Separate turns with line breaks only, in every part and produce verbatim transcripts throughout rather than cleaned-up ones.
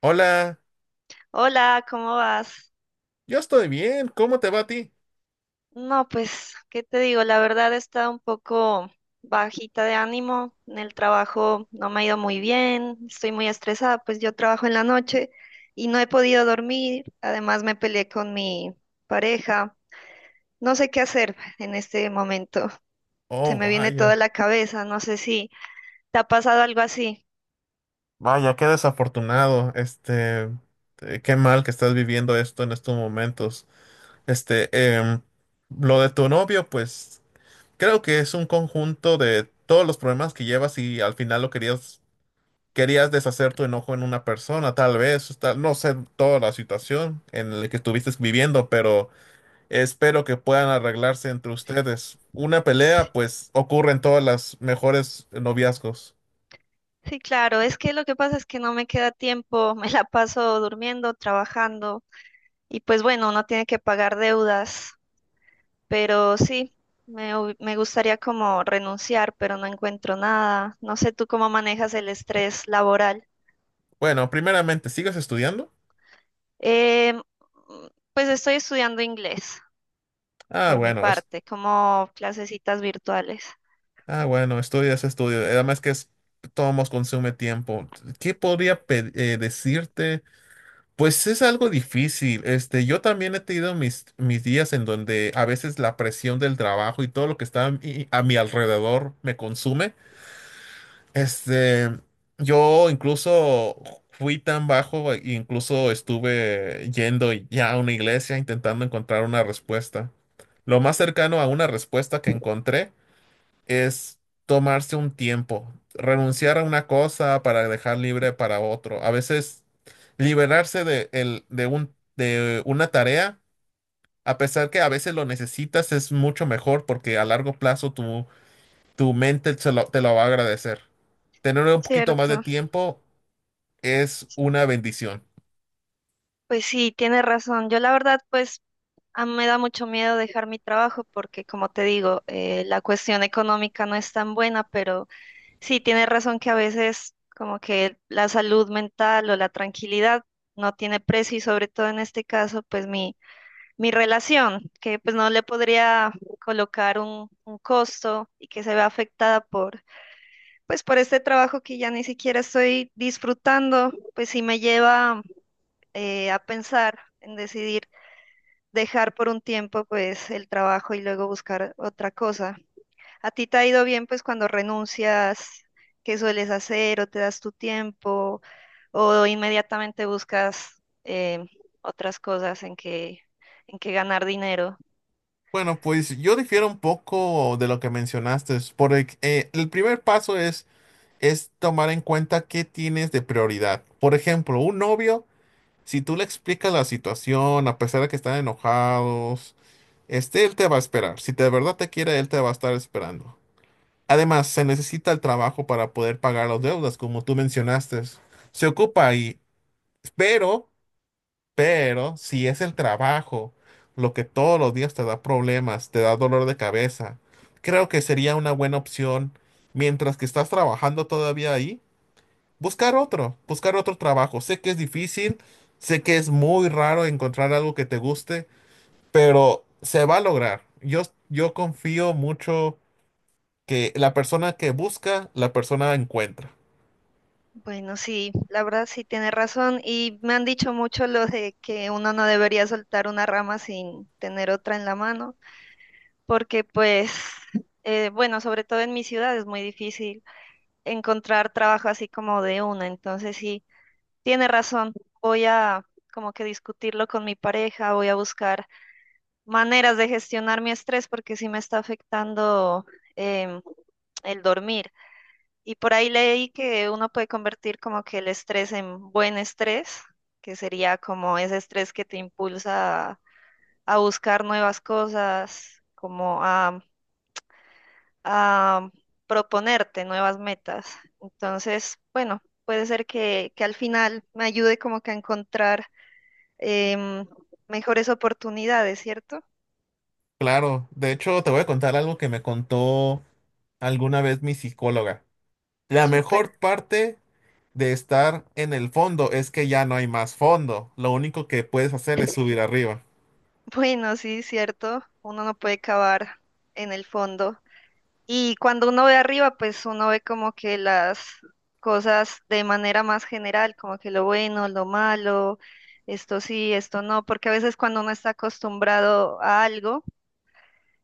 Hola,
Hola, ¿cómo vas?
yo estoy bien, ¿cómo te va a ti?
No, pues, ¿qué te digo? La verdad está un poco bajita de ánimo. En el trabajo no me ha ido muy bien, estoy muy estresada, pues yo trabajo en la noche y no he podido dormir. Además, me peleé con mi pareja. No sé qué hacer en este momento. Se
Oh,
me viene toda
vaya,
la cabeza, no sé si te ha pasado algo así.
vaya, qué desafortunado, este, eh, qué mal que estás viviendo esto en estos momentos. Este, em, lo de tu novio, pues, creo que es un conjunto de todos los problemas que llevas y al final lo querías, querías deshacer tu enojo en una persona, tal vez, tal- no sé toda la situación en la que estuviste viviendo, pero... Espero que puedan arreglarse entre ustedes. Una pelea,
Sí,
pues, ocurre en todas las mejores noviazgos.
sí, claro, es que lo que pasa es que no me queda tiempo, me la paso durmiendo, trabajando. Y pues bueno, uno tiene que pagar deudas, pero sí, me, hu- me gustaría como renunciar, pero no encuentro nada. No sé tú cómo manejas el estrés laboral.
Bueno, primeramente, ¿sigues estudiando?
Em, mm, pues estoy estudiando inglés
Ah,
por mi
bueno, es-
parte, como clasecitas virtuales.
ah, bueno, estudias, estudio. Además que es, todo consume tiempo. ¿Qué podría pe- eh, decirte? Pues es algo difícil. Este, yo también he tenido mis, mis días en donde a veces la presión del trabajo y todo lo que está a mi a mi alrededor me consume. Este, yo incluso fui tan bajo, e incluso estuve yendo ya a una iglesia intentando encontrar una respuesta. Lo más cercano a una respuesta que encontré es tomarse un tiempo, renunciar a una cosa para dejar libre para otro. A veces liberarse de, el- de un, de una tarea, a pesar que a veces lo necesitas, es mucho mejor porque a largo plazo tu mente se lo- te lo va a agradecer. Tener un poquito más de
Cierto.
tiempo es una bendición.
Pues sí, tienes razón. Yo la verdad, pues a mí me da mucho miedo dejar mi trabajo porque, como te digo, eh, la cuestión económica no es tan buena, pero sí, tienes razón que a veces como que la salud mental o la tranquilidad no tiene precio y sobre todo en este caso, pues mi, mi relación, que pues no le podría colocar un, un costo y que se ve afectada por, pues por este trabajo que ya ni siquiera estoy disfrutando, pues sí me lleva eh, a pensar en decidir dejar por un tiempo pues el trabajo y luego buscar otra cosa. ¿A ti te ha ido bien pues cuando renuncias? ¿Qué sueles hacer o te das tu tiempo o inmediatamente buscas eh, otras cosas en que, en que ganar dinero?
Bueno, pues yo difiero un poco de lo que mencionaste, porque eh, el primer paso es, es tomar en cuenta qué tienes de prioridad. Por ejemplo, un novio, si tú le explicas la situación, a pesar de que están enojados, este, él te va a esperar. Si de verdad te quiere, él te va a estar esperando. Además, se necesita el trabajo para poder pagar las deudas, como tú mencionaste. Se ocupa ahí, pero... Pero si es el trabajo lo que todos los días te da problemas, te da dolor de cabeza, creo que sería una buena opción, mientras que estás trabajando todavía ahí, buscar otro, buscar otro trabajo. Sé que es difícil, sé que es muy raro encontrar algo que te guste, pero se va a lograr. Yo, yo confío mucho que la persona que busca, la persona encuentra.
Bueno, sí, la verdad sí tienes razón y me han dicho mucho lo de que uno no debería soltar una rama sin tener otra en la mano. Porque pues, eh, bueno, sobre todo en mi ciudad es muy difícil encontrar trabajo así como de una, entonces sí, tiene razón, voy a como que discutirlo con mi pareja, voy a buscar maneras de gestionar mi estrés porque sí me está afectando em, el dormir. Y por ahí leí que uno puede convertir como que el estrés en buen estrés, que sería como ese estrés que te impulsa a a buscar nuevas cosas, como a a proponerte nuevas metas. Entonces, bueno, puede ser que, que al final me ayude como que a encontrar em, mejores oportunidades, ¿cierto?
Claro, de hecho te voy a contar algo que me contó alguna vez mi psicóloga. La
Súper.
mejor parte de estar en el fondo es que ya no hay más fondo. Lo único que puedes hacer es subir arriba.
Bueno, sí, cierto. Uno no puede cavar en el fondo. Y cuando uno ve arriba, pues uno ve como que las cosas de manera más general, como que lo bueno, lo malo, esto sí, esto no, porque a veces cuando uno está acostumbrado a algo,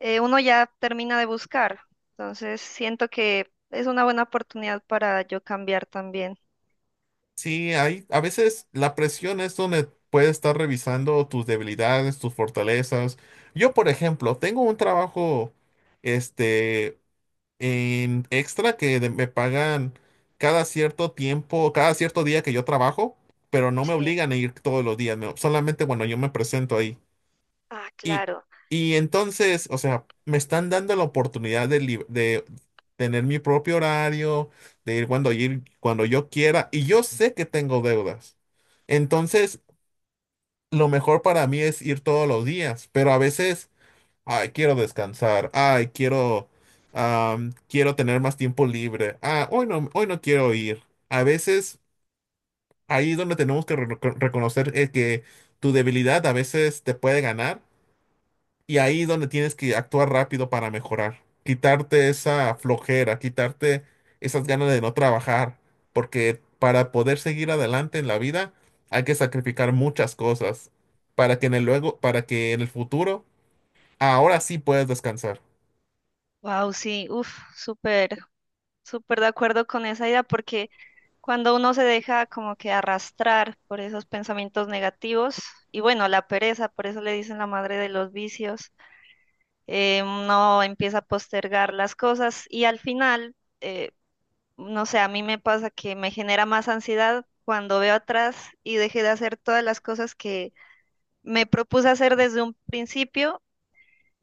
eh, uno ya termina de buscar. Entonces siento que es una buena oportunidad para yo cambiar también.
Sí, hay, a veces la presión es donde puedes estar revisando tus debilidades, tus fortalezas. Yo, por ejemplo, tengo un trabajo este en extra que de- me pagan cada cierto tiempo, cada cierto día que yo trabajo, pero no me
Sí.
obligan a ir todos los días, no, solamente cuando yo me presento ahí.
Ah,
Y,
claro.
y entonces, o sea, me están dando la oportunidad de, lib- de tener mi propio horario, de ir cuando, ir cuando yo quiera, y yo sé que tengo deudas. Entonces, lo mejor para mí es ir todos los días, pero a veces, ay, quiero descansar, ay, quiero, am, quiero tener más tiempo libre, ah, hoy no, hoy no quiero ir. A veces, ahí es donde tenemos que re- reconocer eh, que tu debilidad a veces te puede ganar y ahí es donde tienes que actuar rápido para mejorar, quitarte esa flojera, quitarte esas ganas de no trabajar, porque para poder seguir adelante en la vida hay que sacrificar muchas cosas para que en el luego, para que en el futuro, ahora sí puedes descansar.
Wow, sí, uf, súper, súper de acuerdo con esa idea porque cuando uno se deja como que arrastrar por esos pensamientos negativos y bueno, la pereza, por eso le dicen la madre de los vicios, eh, uno empieza a postergar las cosas y al final... eh, no sé, a mí me pasa que me genera más ansiedad cuando veo atrás y dejé de hacer todas las cosas que me propuse hacer desde un principio.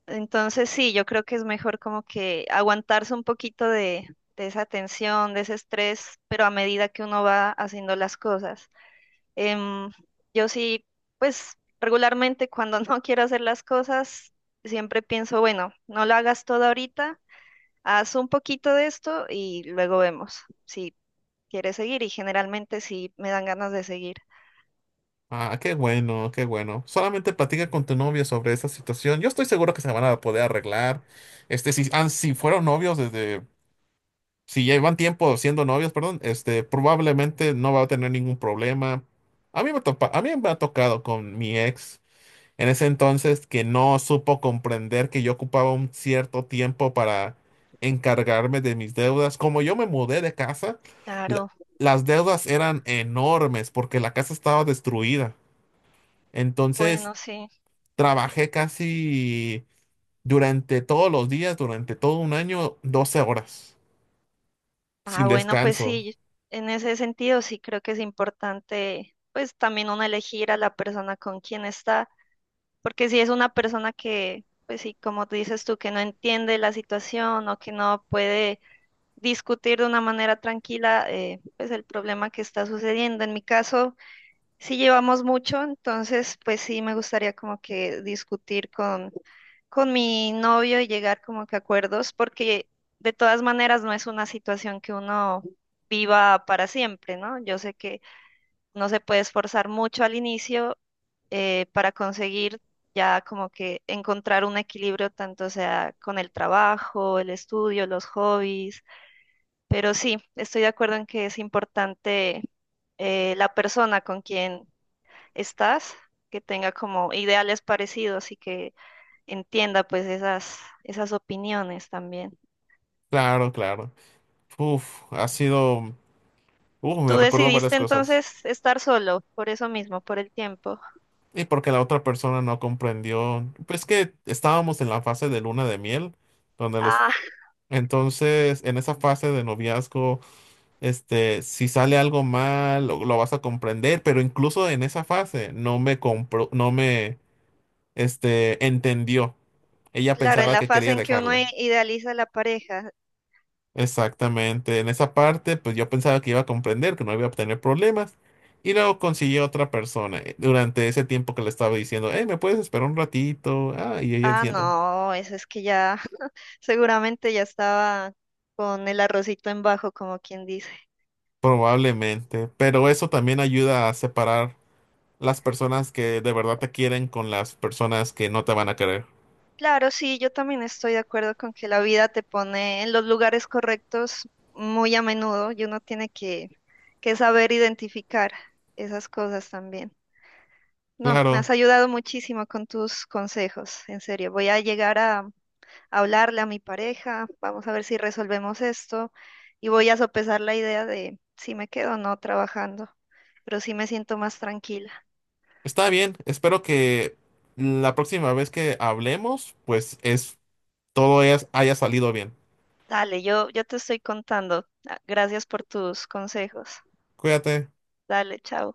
Entonces sí, yo creo que es mejor como que aguantarse un poquito de, de esa tensión, de ese estrés, pero a medida que uno va haciendo las cosas. Em, yo sí, pues regularmente cuando no quiero hacer las cosas, siempre pienso, bueno, no lo hagas todo ahorita, haz un poquito de esto y luego vemos si quiere seguir y generalmente sí me dan ganas de seguir.
Ah, qué bueno, qué bueno. Solamente platica con tu novio sobre esa situación. Yo estoy seguro que se van a poder arreglar. Este, si, han- si fueron novios desde si llevan tiempo siendo novios, perdón, este, probablemente no va a tener ningún problema. A mí me topa- a mí me ha tocado con mi ex en ese entonces que no supo comprender que yo ocupaba un cierto tiempo para encargarme de mis deudas. Como yo me mudé de casa, la-
Claro,
las deudas eran enormes porque la casa estaba destruida. Entonces,
bueno, sí.
trabajé casi durante todos los días, durante todo un año, doce horas, sin
Ah, bueno, pues
descanso.
sí, en ese sentido sí creo que es importante, pues también uno elegir a la persona con quien está, porque si es una persona que, pues sí, como dices tú, que no entiende la situación o que no puede discutir de una manera tranquila, eh, pues el problema que está sucediendo. En mi caso, sí llevamos mucho, entonces, pues sí me gustaría como que discutir con con mi novio y llegar como que a acuerdos, porque de todas maneras no es una situación que uno viva para siempre, ¿no? Yo sé que no se puede esforzar mucho al inicio eh, para conseguir ya como que encontrar un equilibrio tanto sea con el trabajo, el estudio, los hobbies, pero sí, estoy de acuerdo en que es importante eh, la persona con quien estás, que tenga como ideales parecidos y que entienda pues esas, esas opiniones también.
Claro, claro. Uf, ha sido, uf, me
Tú
recordó varias
decidiste
cosas.
entonces estar solo, por eso mismo, por el tiempo.
Y porque la otra persona no comprendió, pues que estábamos en la fase de luna de miel, donde los,
Ah,
entonces en esa fase de noviazgo, este, si sale algo mal, lo, lo vas a comprender, pero incluso en esa fase no me compró, no me, este, entendió. Ella
claro, en
pensaba
la
que
fase
quería
en que uno i-
dejarle.
idealiza la pareja.
Exactamente, en esa parte pues yo pensaba que iba a comprender, que no iba a tener problemas y luego conseguí otra persona eh, durante ese tiempo que le estaba diciendo, hey, ¿me puedes esperar un ratito? Ah, y ella
Ah,
diciendo,
no, eso es que ya seguramente ya estaba con el arrocito en bajo, como quien dice.
probablemente, pero eso también ayuda a separar las personas que de verdad te quieren con las personas que no te van a querer.
Claro, sí, yo también estoy de acuerdo con que la vida te pone en los lugares correctos muy a menudo y uno tiene que, que saber identificar esas cosas también. No, me has
Claro,
ayudado muchísimo con tus consejos, en serio. Voy a llegar a, a hablarle a mi pareja, vamos a ver si resolvemos esto y voy a sopesar la idea de si me quedo o no trabajando, pero sí me siento más tranquila.
está bien, espero que la próxima vez que hablemos pues es todo es- haya salido bien.
Dale, yo, yo te estoy contando. Ah, gracias por tus consejos.
Cuídate.
Dale, chao.